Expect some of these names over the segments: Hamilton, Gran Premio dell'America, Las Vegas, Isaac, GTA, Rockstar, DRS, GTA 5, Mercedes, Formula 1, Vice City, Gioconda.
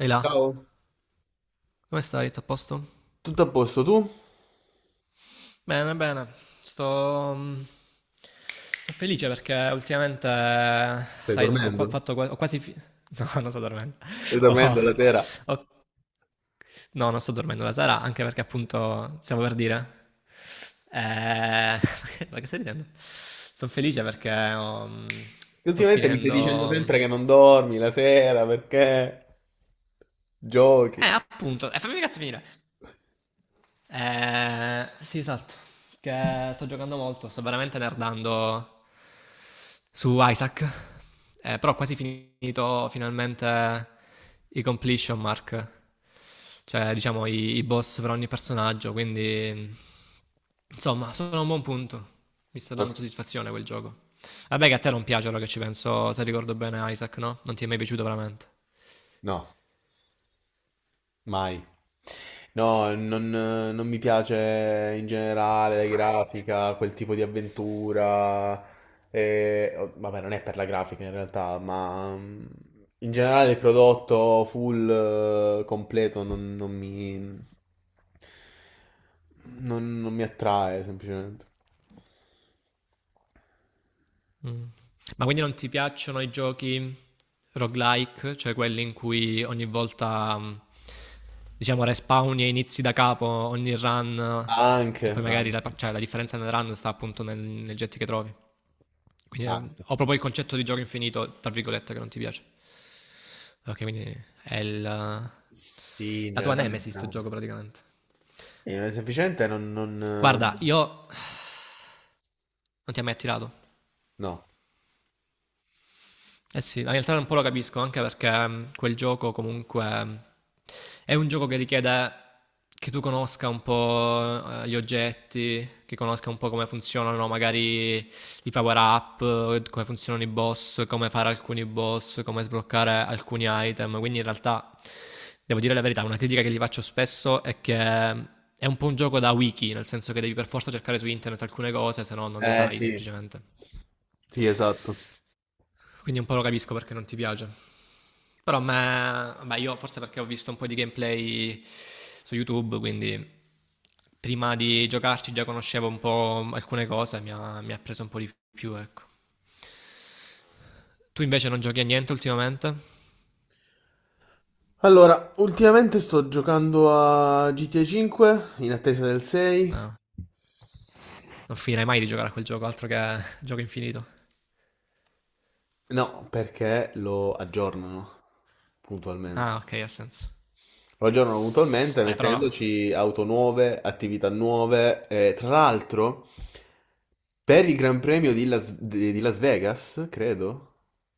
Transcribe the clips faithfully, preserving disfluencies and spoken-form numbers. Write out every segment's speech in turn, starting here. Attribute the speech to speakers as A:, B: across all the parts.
A: Ehi là,
B: Ciao.
A: come stai? Tutto a posto?
B: Tutto a posto tu?
A: Bene, bene, sto, mm, sto felice perché ultimamente,
B: Stai
A: sai, ho, ho qua-
B: dormendo?
A: fatto qua- ho quasi... fi- No, non sto dormendo.
B: Stai
A: Ho-
B: dormendo la sera?
A: ho- No, non sto dormendo la sera, anche perché appunto stiamo per dire... Eh, ma che stai ridendo? Sono felice perché ho, mm,
B: Che
A: sto
B: ultimamente mi stai dicendo
A: finendo... mm,
B: sempre che non dormi la sera perché
A: Eh,
B: giochi.
A: appunto, eh, fammi cazzo finire. Eh, sì, esatto. Che sto giocando molto, sto veramente nerdando su Isaac. Eh, però ho quasi finito finalmente i completion mark, cioè diciamo i, i boss per ogni personaggio, quindi insomma sono a un buon punto. Mi sta
B: Oh,
A: dando soddisfazione quel gioco. Vabbè che a te non piace, ora che ci penso, se ricordo bene Isaac, no? Non ti è mai piaciuto veramente.
B: no. Mai. No, non, non mi piace in generale la grafica, quel tipo di avventura. eh, oh, Vabbè, non è per la grafica in realtà, ma mm, in generale il prodotto full, eh, completo non, non mi, non, non mi attrae semplicemente.
A: Mm. Ma quindi non ti piacciono i giochi roguelike, cioè quelli in cui ogni volta, mm, diciamo, respawni e inizi da capo ogni run, eh, e
B: Anche,
A: poi magari la,
B: anche,
A: cioè, la differenza nel run sta appunto nel, nel jet che trovi. Quindi eh,
B: anche.
A: ho proprio il concetto di gioco infinito, tra virgolette, che non ti piace. Ok, quindi è il, la
B: Sì, in
A: tua
B: generale
A: nemesi sto
B: entrambi.
A: gioco praticamente.
B: Eh, semplicemente non, non...
A: Guarda,
B: eh,
A: io non ti ha mai attirato.
B: no.
A: Eh sì, in realtà un po' lo capisco, anche perché mh, quel gioco comunque mh, è un gioco che richiede che tu conosca un po' eh, gli oggetti, che conosca un po' come funzionano magari i power up, eh, come funzionano i boss, come fare alcuni boss, come sbloccare alcuni item. Quindi in realtà, devo dire la verità, una critica che gli faccio spesso è che mh, è un po' un gioco da wiki, nel senso che devi per forza cercare su internet alcune cose, se no non le
B: Eh
A: sai
B: sì.
A: semplicemente.
B: Sì, esatto.
A: Quindi un po' lo capisco perché non ti piace. Però ma, ma io forse perché ho visto un po' di gameplay su YouTube, quindi prima di giocarci già conoscevo un po' alcune cose, mi ha, mi ha preso un po' di più, ecco. Tu invece non giochi a niente ultimamente?
B: Allora, ultimamente sto giocando a G T A cinque in attesa del sei.
A: No. Non finirai mai di giocare a quel gioco, altro che gioco infinito.
B: No, perché lo aggiornano puntualmente.
A: Ah, ok, ha senso.
B: Lo aggiornano puntualmente
A: Eh, però...
B: mettendoci auto nuove, attività nuove. E, tra l'altro, per il Gran Premio di Las, di- di Las Vegas, credo.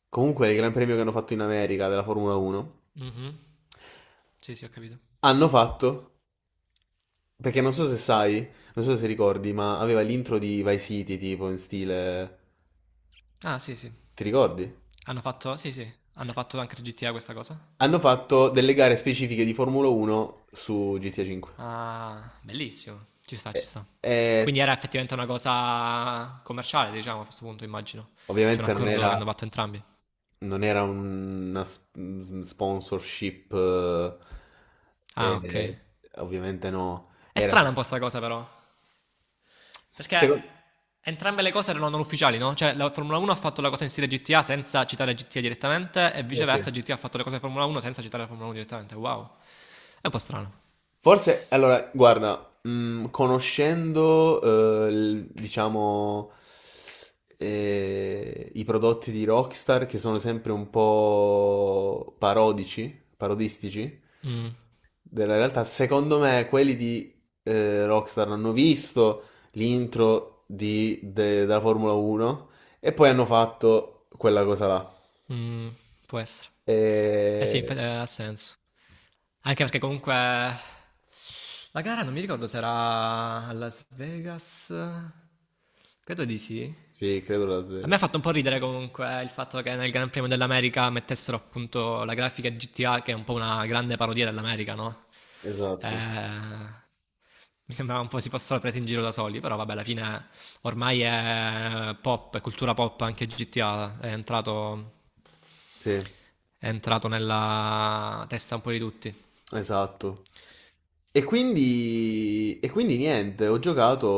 B: Comunque, il Gran Premio che hanno fatto in America della Formula uno,
A: Mhm. Sì, sì, ho capito.
B: hanno fatto. Perché non so se sai, non so se ricordi, ma aveva l'intro di Vice City, tipo in stile...
A: Ah, sì, sì.
B: Ti ricordi?
A: Hanno fatto... Sì, sì. Hanno fatto anche su G T A questa cosa?
B: Hanno fatto delle gare specifiche di Formula uno su G T A cinque.
A: Ah, bellissimo. Ci sta, ci
B: Eh,
A: sta.
B: E
A: Quindi era effettivamente una cosa commerciale, diciamo, a questo punto, immagino. C'è un
B: ovviamente non
A: accordo che
B: era,
A: hanno fatto entrambi.
B: non era un- una s- s- sponsorship,
A: Ah,
B: eh,
A: ok.
B: eh, ovviamente no.
A: È
B: Era...
A: strana un po' sta cosa, però. Perché
B: Secondo...
A: entrambe le cose erano non ufficiali, no? Cioè, la Formula uno ha fatto la cosa in stile G T A senza citare G T A direttamente, e
B: eh, sì.
A: viceversa, G T A ha fatto le cose di Formula uno senza citare la Formula uno direttamente. Wow. È un po' strano.
B: Forse, allora, guarda, mm, conoscendo, eh, il- diciamo, eh, i prodotti di Rockstar che sono sempre un po' parodici, parodistici,
A: Mm,
B: della realtà, secondo me quelli di eh, Rockstar hanno visto l'intro di, de- da Formula uno e poi hanno fatto quella cosa là.
A: mm, può essere.
B: E...
A: Eh sì, inf- eh, ha senso. Anche perché comunque la gara non mi ricordo se era a Las Vegas. Credo di sì.
B: Sì, credo Las
A: A me ha
B: Vegas.
A: fatto un po' ridere comunque il fatto che nel Gran Premio dell'America mettessero appunto la grafica di G T A, che è un po' una grande parodia dell'America, no?
B: Esatto.
A: Eh, mi sembrava un po' si fossero presi in giro da soli, però vabbè, alla fine ormai è pop, è cultura pop anche G T A, è entrato,
B: Sì.
A: è entrato nella testa un po' di tutti.
B: Esatto. E quindi, e quindi niente, ho giocato,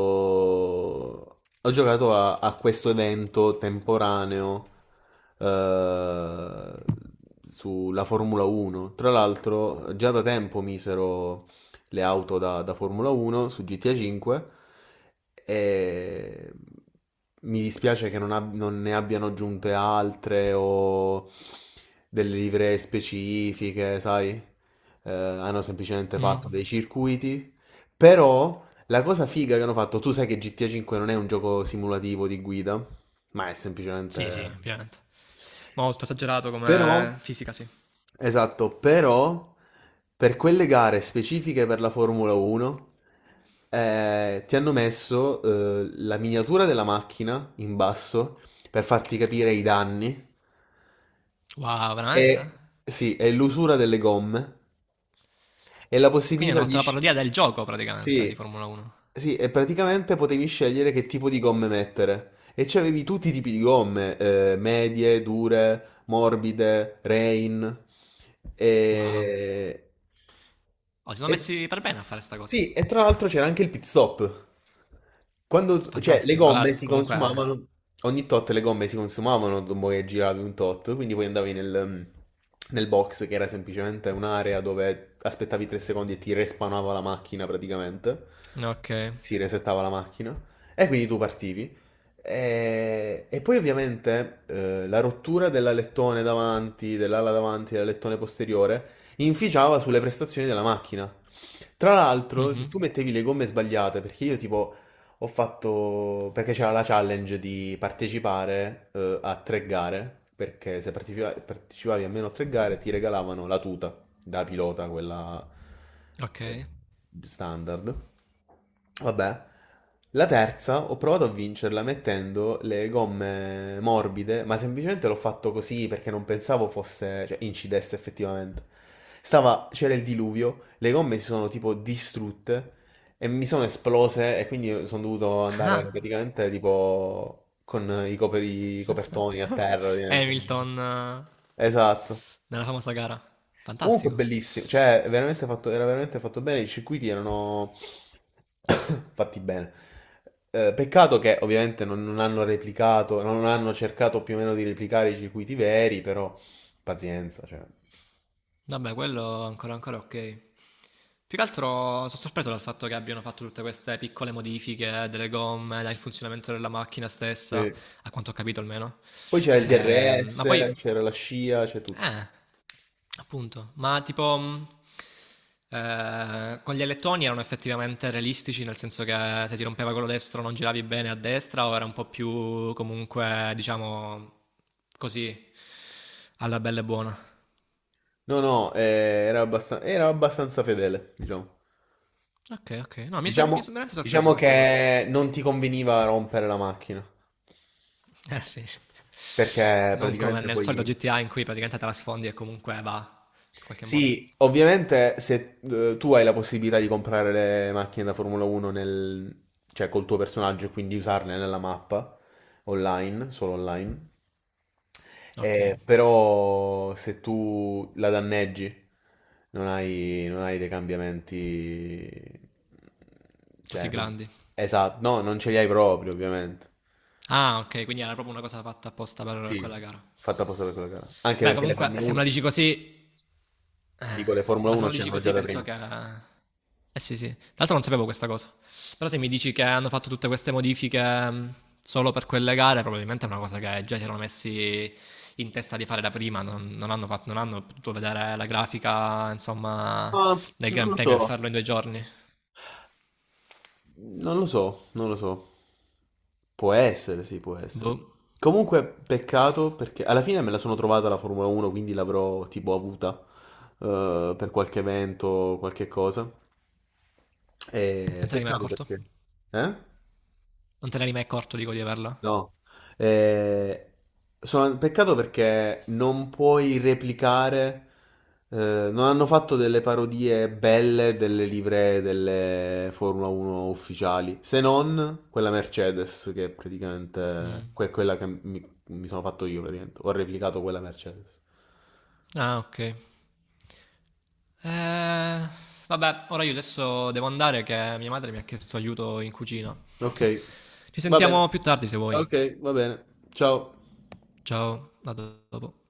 B: ho giocato a, a questo evento temporaneo eh, sulla Formula uno. Tra l'altro, già da tempo misero le auto da, da Formula uno su G T A cinque, e mi dispiace che non, ab- non ne abbiano aggiunte altre o delle livree specifiche, sai? Eh, hanno semplicemente
A: Mm.
B: fatto dei circuiti, però la cosa figa che hanno fatto, tu sai che G T A cinque non è un gioco simulativo di guida, ma è
A: Sì, sì,
B: semplicemente...
A: ovviamente. Molto esagerato come
B: Però,
A: fisica, sì.
B: esatto, però per quelle gare specifiche per la Formula uno eh, ti hanno messo eh, la miniatura della macchina in basso per farti capire i danni
A: Wow, veramente?
B: e, sì, e l'usura delle gomme e la
A: Quindi
B: possibilità
A: hanno fatto
B: di...
A: la
B: sc-
A: parodia del gioco praticamente di
B: Sì,
A: Formula uno.
B: sì, e praticamente potevi scegliere che tipo di gomme mettere. E c'avevi tutti i tipi di gomme, eh, medie, dure, morbide, rain.
A: Wow.
B: E...
A: Oh, si sono
B: E-
A: messi per bene a fare sta cosa.
B: sì, e tra l'altro c'era anche il pit stop. Quando, cioè, le
A: Fantastico. Allora,
B: gomme si
A: comunque...
B: consumavano, ogni tot le gomme si consumavano dopo che giravi un tot, quindi poi andavi nel, nel box che era semplicemente un'area dove aspettavi tre secondi e ti respawnava la macchina praticamente.
A: eh, Ok.
B: Si resettava la macchina e quindi tu partivi. E, e poi ovviamente eh, la rottura dell'alettone davanti, dell'ala davanti, e dell'alettone posteriore inficiava sulle prestazioni della macchina. Tra l'altro, se
A: Mhm.
B: tu mettevi le gomme sbagliate, perché io tipo ho fatto, perché c'era la challenge di partecipare eh, a tre gare, perché se partecipa- partecipavi almeno a tre gare ti regalavano la tuta da pilota, quella
A: Ok.
B: eh, standard. Vabbè. La terza ho provato a vincerla mettendo le gomme morbide, ma semplicemente l'ho fatto così perché non pensavo fosse, cioè, incidesse effettivamente. Stava, c'era il diluvio, le gomme si sono tipo distrutte e mi sono esplose e quindi sono dovuto andare
A: Ah,
B: praticamente tipo con i, coperi- i copertoni a terra, ovviamente.
A: Hamilton, eh,
B: Esatto.
A: nella famosa gara.
B: Comunque
A: Fantastico.
B: bellissimo, cioè veramente fatto, era veramente fatto bene, i circuiti erano fatti bene. Eh, peccato che ovviamente non, non hanno replicato, non hanno cercato più o meno di replicare i circuiti veri, però pazienza, cioè.
A: Vabbè, quello ancora, ancora ok. Più che altro sono sorpreso dal fatto che abbiano fatto tutte queste piccole modifiche delle gomme, dal funzionamento della macchina stessa,
B: Sì.
A: a quanto ho capito almeno.
B: Poi c'era il
A: Ehm, ma
B: D R S,
A: poi,
B: c'era la scia, c'è tutto.
A: eh, appunto, ma tipo, mh, eh, con gli alettoni erano effettivamente realistici, nel senso che se ti rompeva quello destro non giravi bene a destra, o era un po' più comunque, diciamo, così, alla bella e buona.
B: No, no, eh, era abbastan- era abbastanza fedele, diciamo.
A: Ok, ok. No, mi sono
B: Diciamo,
A: veramente sorpreso
B: diciamo
A: questa cosa.
B: che non ti conveniva rompere la macchina,
A: Eh sì.
B: perché
A: Non come
B: praticamente
A: nel solito
B: poi...
A: G T A in cui praticamente trasfondi e comunque va in qualche modo.
B: Sì, ovviamente se eh, tu hai la possibilità di comprare le macchine da Formula uno nel, cioè col tuo personaggio e quindi usarle nella mappa online, solo online,
A: Ok.
B: eh, però se tu la danneggi non hai, non hai dei cambiamenti,
A: Così
B: cioè, non-
A: grandi.
B: esatto, no, non ce li hai proprio ovviamente.
A: Ah, ok, quindi era proprio una cosa fatta apposta per
B: Sì,
A: quella gara.
B: fatta apposta per quella gara. Anche
A: Beh,
B: perché le
A: comunque,
B: Formula
A: se me
B: uno,
A: la dici così, eh,
B: dico le Formula
A: ma se
B: uno
A: me lo dici
B: c'erano già
A: così,
B: da
A: penso
B: prima.
A: che. Eh sì, sì. Tra l'altro non sapevo questa cosa. Però se mi dici che hanno fatto tutte queste modifiche mh, solo per quelle gare, probabilmente è una cosa che già si erano messi in testa di fare da prima. Non, non hanno fatto- non hanno potuto vedere la grafica, insomma,
B: Ma
A: del
B: non
A: Gran
B: lo
A: Premio e
B: so,
A: farlo in due giorni.
B: non lo so, non lo so. Può essere, sì, può essere.
A: Boh.
B: Comunque, peccato perché alla fine me la sono trovata la Formula uno, quindi l'avrò tipo avuta eh, per qualche evento, qualche cosa. E
A: Non te ne eri mai
B: peccato
A: accorto?
B: perché. Eh?
A: Non te ne eri mai accorto, dico, di averla?
B: No, eh, sono peccato perché non puoi replicare, eh, non hanno fatto delle parodie belle delle livree delle Formula uno ufficiali, se non quella Mercedes, che è praticamente
A: Mm.
B: que- quella che mi, mi sono fatto io, praticamente. Ho replicato quella Mercedes.
A: Ah, ok. Eh, vabbè, ora io adesso devo andare che mia madre mi ha chiesto aiuto in cucina.
B: Ok,
A: Ci
B: va bene.
A: sentiamo più tardi se vuoi.
B: Ok, va bene. Ciao.
A: Ciao, a dopo.